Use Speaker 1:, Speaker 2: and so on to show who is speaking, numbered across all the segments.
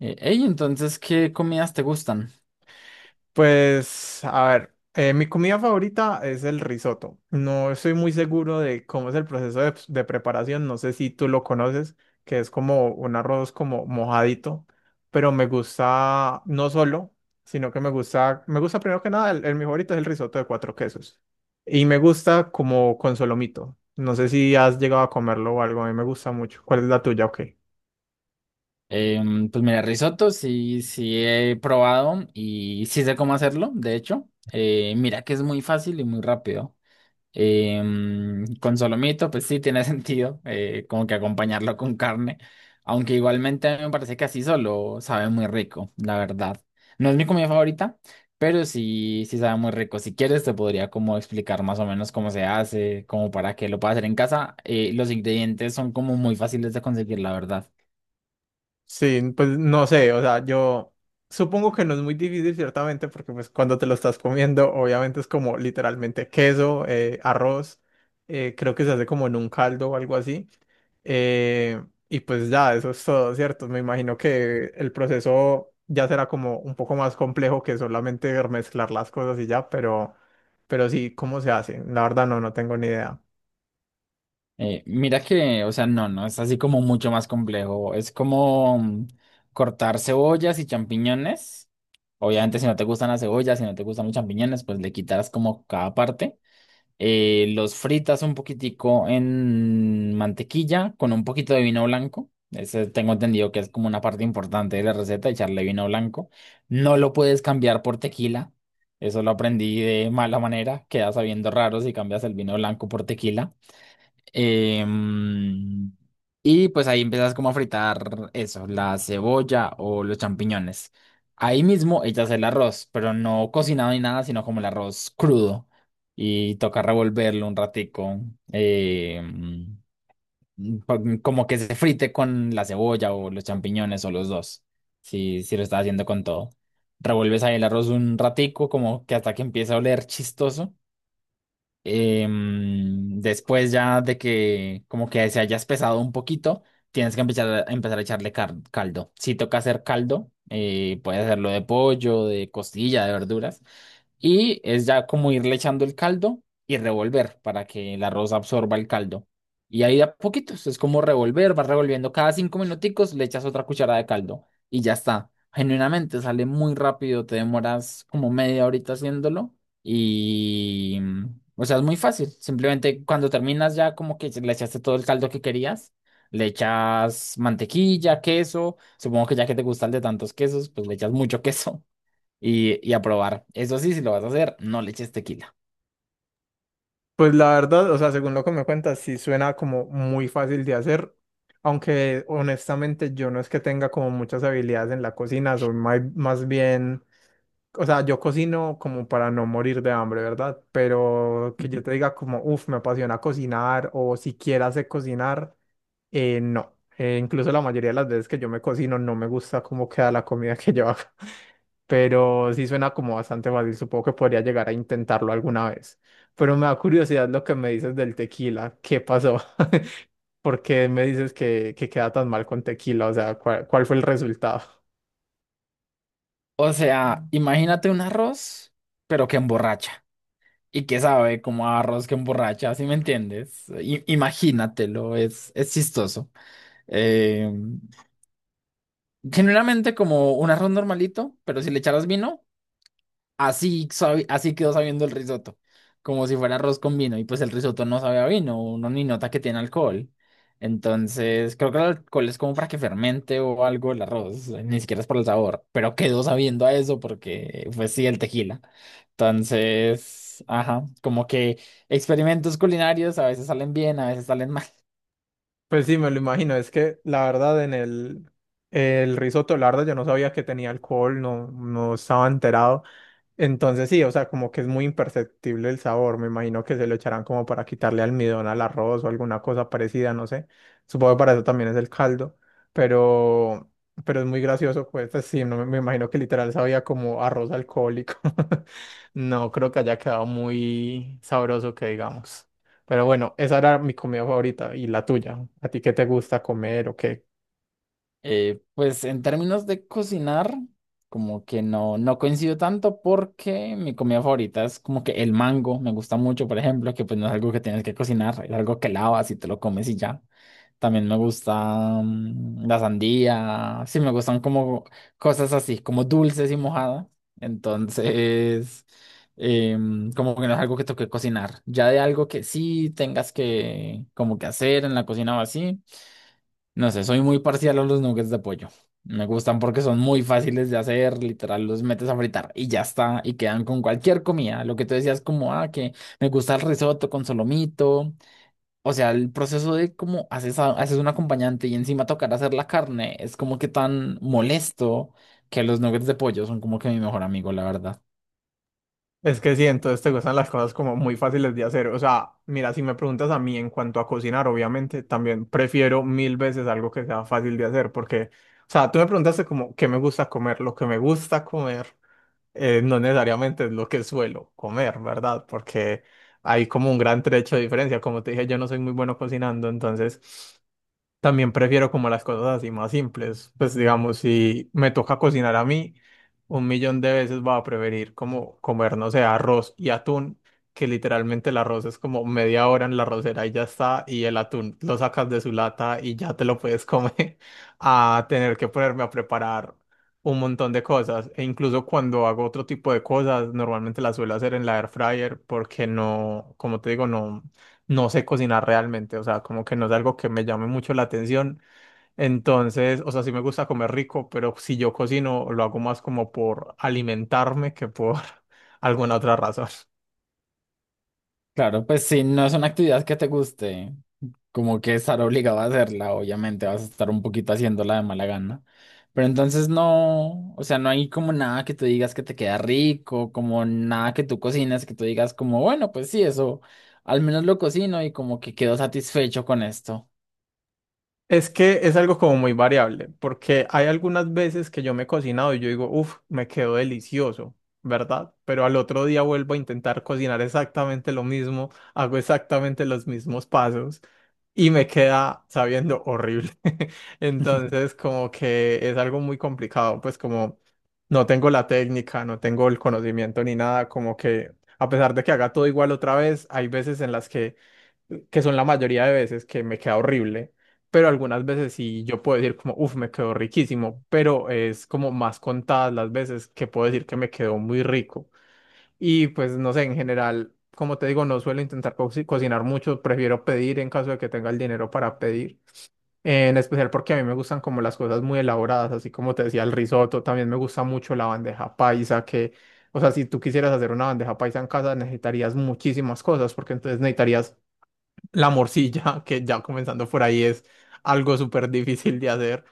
Speaker 1: ¿Qué comidas te gustan?
Speaker 2: Pues, a ver, mi comida favorita es el risotto. No estoy muy seguro de cómo es el proceso de, pues, de preparación, no sé si tú lo conoces, que es como un arroz como mojadito, pero me gusta no solo, sino que me gusta primero que nada, el mi favorito es el risotto de cuatro quesos. Y me gusta como con solomito. No sé si has llegado a comerlo o algo, a mí me gusta mucho. ¿Cuál es la tuya? Ok.
Speaker 1: Pues mira, risotto sí, sí he probado y sí sé cómo hacerlo, de hecho. Mira que es muy fácil y muy rápido. Con solomito, pues sí tiene sentido, como que acompañarlo con carne, aunque igualmente a mí me parece que así solo sabe muy rico, la verdad. No es mi comida favorita, pero sí, sí sabe muy rico. Si quieres, te podría como explicar más o menos cómo se hace, como para que lo puedas hacer en casa. Los ingredientes son como muy fáciles de conseguir, la verdad.
Speaker 2: Sí, pues no sé, o sea, yo supongo que no es muy difícil ciertamente, porque pues cuando te lo estás comiendo, obviamente es como literalmente queso, arroz, creo que se hace como en un caldo o algo así. eh, y pues ya, eso es todo, ¿cierto? Me imagino que el proceso ya será como un poco más complejo que solamente mezclar las cosas y ya, pero sí, ¿cómo se hace? La verdad no, no tengo ni idea.
Speaker 1: Mira que, o sea, no, no, es así como mucho más complejo. Es como cortar cebollas y champiñones. Obviamente, si no te gustan las cebollas, si no te gustan los champiñones, pues le quitarás como cada parte. Los fritas un poquitico en mantequilla con un poquito de vino blanco. Ese tengo entendido que es como una parte importante de la receta, echarle vino blanco. No lo puedes cambiar por tequila. Eso lo aprendí de mala manera. Queda sabiendo raro si cambias el vino blanco por tequila. Em, y pues ahí empiezas como a fritar eso, la cebolla o los champiñones. Ahí mismo echas el arroz, pero no cocinado ni nada, sino como el arroz crudo. Y toca revolverlo un ratico, em, como que se frite con la cebolla o los champiñones o los dos, si, si lo estás haciendo con todo. Revuelves ahí el arroz un ratico, como que hasta que empiece a oler chistoso. Después ya de que como que se haya espesado un poquito, tienes que empezar a echarle caldo. Si toca hacer caldo, puedes hacerlo de pollo, de costilla, de verduras. Y es ya como irle echando el caldo y revolver para que el arroz absorba el caldo. Y ahí de a poquitos, es como revolver, vas revolviendo cada 5 minuticos, le echas otra cucharada de caldo y ya está. Genuinamente sale muy rápido, te demoras como media horita haciéndolo y o sea, es muy fácil. Simplemente cuando terminas ya como que le echaste todo el caldo que querías, le echas mantequilla, queso, supongo que ya que te gusta el de tantos quesos, pues le echas mucho queso y a probar. Eso sí, si lo vas a hacer, no le eches tequila.
Speaker 2: Pues la verdad, o sea, según lo que me cuentas, sí suena como muy fácil de hacer, aunque honestamente yo no es que tenga como muchas habilidades en la cocina, soy más, bien, o sea, yo cocino como para no morir de hambre, ¿verdad? Pero que yo te diga como, uff, me apasiona cocinar o siquiera sé cocinar, no, incluso la mayoría de las veces que yo me cocino no me gusta cómo queda la comida que yo hago, pero sí suena como bastante fácil, supongo que podría llegar a intentarlo alguna vez. Pero me da curiosidad lo que me dices del tequila, ¿qué pasó? ¿Por qué me dices que queda tan mal con tequila? O sea, ¿cuál, cuál fue el resultado?
Speaker 1: O sea, imagínate un arroz, pero que emborracha. Y que sabe como a arroz que emborracha, ¿sí me entiendes? Imagínatelo, es chistoso. Eh, generalmente como un arroz normalito, pero si le echaras vino, así, así quedó sabiendo el risotto, como si fuera arroz con vino, y pues el risotto no sabe a vino, uno ni nota que tiene alcohol. Entonces, creo que el alcohol es como para que fermente o algo el arroz, ni siquiera es por el sabor, pero quedó sabiendo a eso porque fue sí el tequila. Entonces, ajá, como que experimentos culinarios a veces salen bien, a veces salen mal.
Speaker 2: Pues sí, me lo imagino, es que la verdad en el risotto, la verdad yo no sabía que tenía alcohol, no, no estaba enterado. Entonces sí, o sea, como que es muy imperceptible el sabor. Me imagino que se lo echarán como para quitarle almidón al arroz o alguna cosa parecida, no sé. Supongo que para eso también es el caldo, pero, pero es muy gracioso, pues sí, no, me imagino que literal sabía como arroz alcohólico. No creo que haya quedado muy sabroso que digamos. Pero bueno, esa era mi comida favorita y la tuya. ¿A ti qué te gusta comer o qué?
Speaker 1: Pues en términos de cocinar, como que no, no coincido tanto porque mi comida favorita es como que el mango, me gusta mucho, por ejemplo, que pues no es algo que tienes que cocinar, es algo que lavas y te lo comes y ya. También me gusta la sandía, sí me gustan como cosas así, como dulces y mojadas. Entonces, como que no es algo que toque cocinar. Ya de algo que sí tengas que como que hacer en la cocina o así. No sé, soy muy parcial a los nuggets de pollo. Me gustan porque son muy fáciles de hacer, literal, los metes a fritar y ya está, y quedan con cualquier comida. Lo que tú decías como, ah, que me gusta el risotto con solomito. O sea, el proceso de cómo haces, haces un acompañante y encima tocar hacer la carne es como que tan molesto que los nuggets de pollo son como que mi mejor amigo, la verdad.
Speaker 2: Es que sí, entonces te gustan las cosas como muy fáciles de hacer. O sea, mira, si me preguntas a mí en cuanto a cocinar, obviamente, también prefiero mil veces algo que sea fácil de hacer, porque, o sea, tú me preguntaste como qué me gusta comer. Lo que me gusta comer no necesariamente es lo que suelo comer, ¿verdad? Porque hay como un gran trecho de diferencia. Como te dije, yo no soy muy bueno cocinando, entonces... También prefiero como las cosas así más simples. Pues digamos, si me toca cocinar a mí, un millón de veces va a preferir como comer, no sé, arroz y atún, que literalmente el arroz es como media hora en la arrocera y ya está, y el atún lo sacas de su lata y ya te lo puedes comer, a tener que ponerme a preparar un montón de cosas. E incluso cuando hago otro tipo de cosas, normalmente las suelo hacer en la air fryer porque no, como te digo, no sé cocinar realmente, o sea, como que no es algo que me llame mucho la atención. Entonces, o sea, sí me gusta comer rico, pero si yo cocino, lo hago más como por alimentarme que por alguna otra razón.
Speaker 1: Claro, pues si no es una actividad que te guste, como que estar obligado a hacerla, obviamente vas a estar un poquito haciéndola de mala gana. Pero entonces no, o sea, no hay como nada que tú digas que te queda rico, como nada que tú cocines que tú digas como, bueno, pues sí, eso, al menos lo cocino y como que quedo satisfecho con esto.
Speaker 2: Es que es algo como muy variable, porque hay algunas veces que yo me he cocinado y yo digo, uff, me quedó delicioso, ¿verdad? Pero al otro día vuelvo a intentar cocinar exactamente lo mismo, hago exactamente los mismos pasos y me queda sabiendo horrible. Entonces, como que es algo muy complicado, pues como no tengo la técnica, no tengo el conocimiento ni nada, como que a pesar de que haga todo igual otra vez, hay veces en las que son la mayoría de veces que me queda horrible, pero algunas veces sí yo puedo decir como, uff, me quedó riquísimo, pero es como más contadas las veces que puedo decir que me quedó muy rico. Y pues no sé, en general, como te digo, no suelo intentar cocinar mucho, prefiero pedir en caso de que tenga el dinero para pedir, en especial porque a mí me gustan como las cosas muy elaboradas, así como te decía el risotto, también me gusta mucho la bandeja paisa que... O sea, si tú quisieras hacer una bandeja paisa en casa, necesitarías muchísimas cosas, porque entonces necesitarías la morcilla, que ya comenzando por ahí es algo súper difícil de hacer.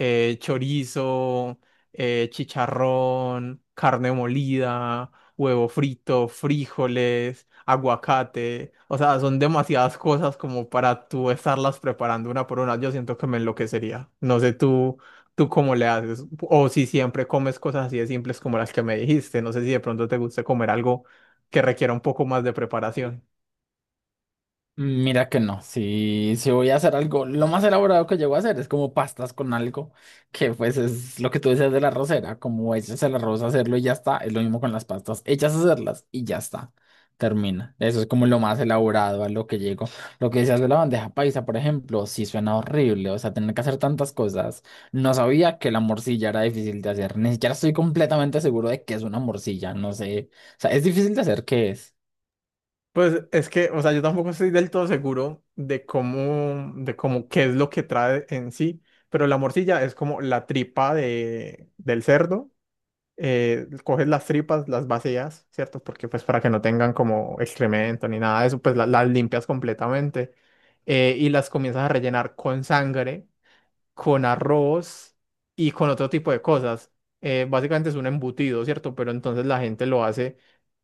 Speaker 2: Chorizo, chicharrón, carne molida, huevo frito, frijoles, aguacate. O sea, son demasiadas cosas como para tú estarlas preparando una por una. Yo siento que me enloquecería. No sé tú, tú cómo le haces. O si siempre comes cosas así de simples como las que me dijiste. No sé si de pronto te gusta comer algo que requiera un poco más de preparación.
Speaker 1: Mira que no, si, si voy a hacer algo, lo más elaborado que llego a hacer es como pastas con algo, que pues es lo que tú decías de la arrocera, como echas el arroz a hacerlo y ya está, es lo mismo con las pastas, echas a hacerlas y ya está, termina. Eso es como lo más elaborado a lo que llego. Lo que decías de la bandeja paisa, por ejemplo, sí suena horrible, o sea, tener que hacer tantas cosas. No sabía que la morcilla era difícil de hacer, ni siquiera estoy completamente seguro de que es una morcilla, no sé, o sea, es difícil de hacer, ¿qué es?
Speaker 2: Pues es que, o sea, yo tampoco estoy del todo seguro de cómo, qué es lo que trae en sí, pero la morcilla es como la tripa de, del cerdo. Coges las tripas, las vacías, ¿cierto? Porque pues para que no tengan como excremento ni nada de eso, pues las limpias completamente y las comienzas a rellenar con sangre con arroz y con otro tipo de cosas. Básicamente es un embutido, ¿cierto? Pero entonces la gente lo hace.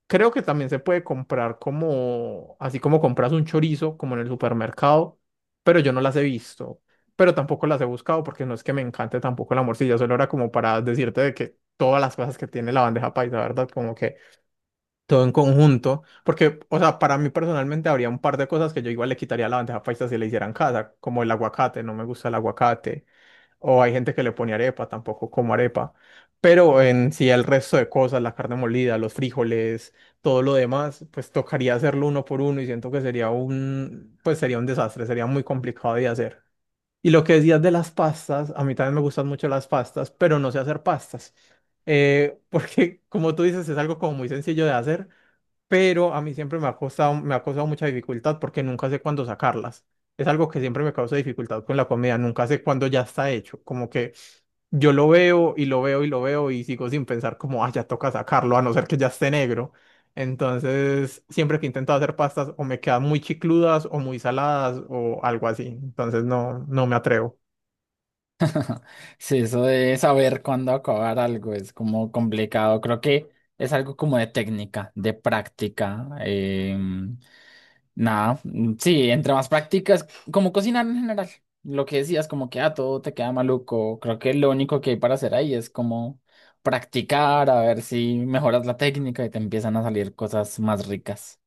Speaker 2: Creo que también se puede comprar como, así como compras un chorizo, como en el supermercado, pero yo no las he visto, pero tampoco las he buscado porque no es que me encante tampoco la morcilla, solo era como para decirte de que todas las cosas que tiene la bandeja paisa, ¿verdad? Como que todo en conjunto, porque, o sea, para mí personalmente habría un par de cosas que yo igual le quitaría a la bandeja paisa si le hicieran casa, como el aguacate, no me gusta el aguacate o hay gente que le pone arepa, tampoco como arepa. Pero en sí el resto de cosas, la carne molida, los frijoles, todo lo demás, pues tocaría hacerlo uno por uno y siento que sería un, pues sería un desastre, sería muy complicado de hacer. Y lo que decías de las pastas, a mí también me gustan mucho las pastas, pero no sé hacer pastas. Porque como tú dices, es algo como muy sencillo de hacer, pero a mí siempre me ha costado, me ha causado mucha dificultad porque nunca sé cuándo sacarlas. Es algo que siempre me causa dificultad con la comida, nunca sé cuándo ya está hecho, como que yo lo veo y lo veo y lo veo y sigo sin pensar como, ah, ya toca sacarlo, a no ser que ya esté negro. Entonces, siempre que intento hacer pastas o me quedan muy chicludas o muy saladas o algo así, entonces no, no me atrevo.
Speaker 1: Sí, eso de saber cuándo acabar algo es como complicado. Creo que es algo como de técnica, de práctica. Em, nada, mm, sí, entre más prácticas, como cocinar en general. Lo que decías, como que ah, todo te queda maluco. Creo que lo único que hay para hacer ahí es como practicar, a ver si mejoras la técnica y te empiezan a salir cosas más ricas.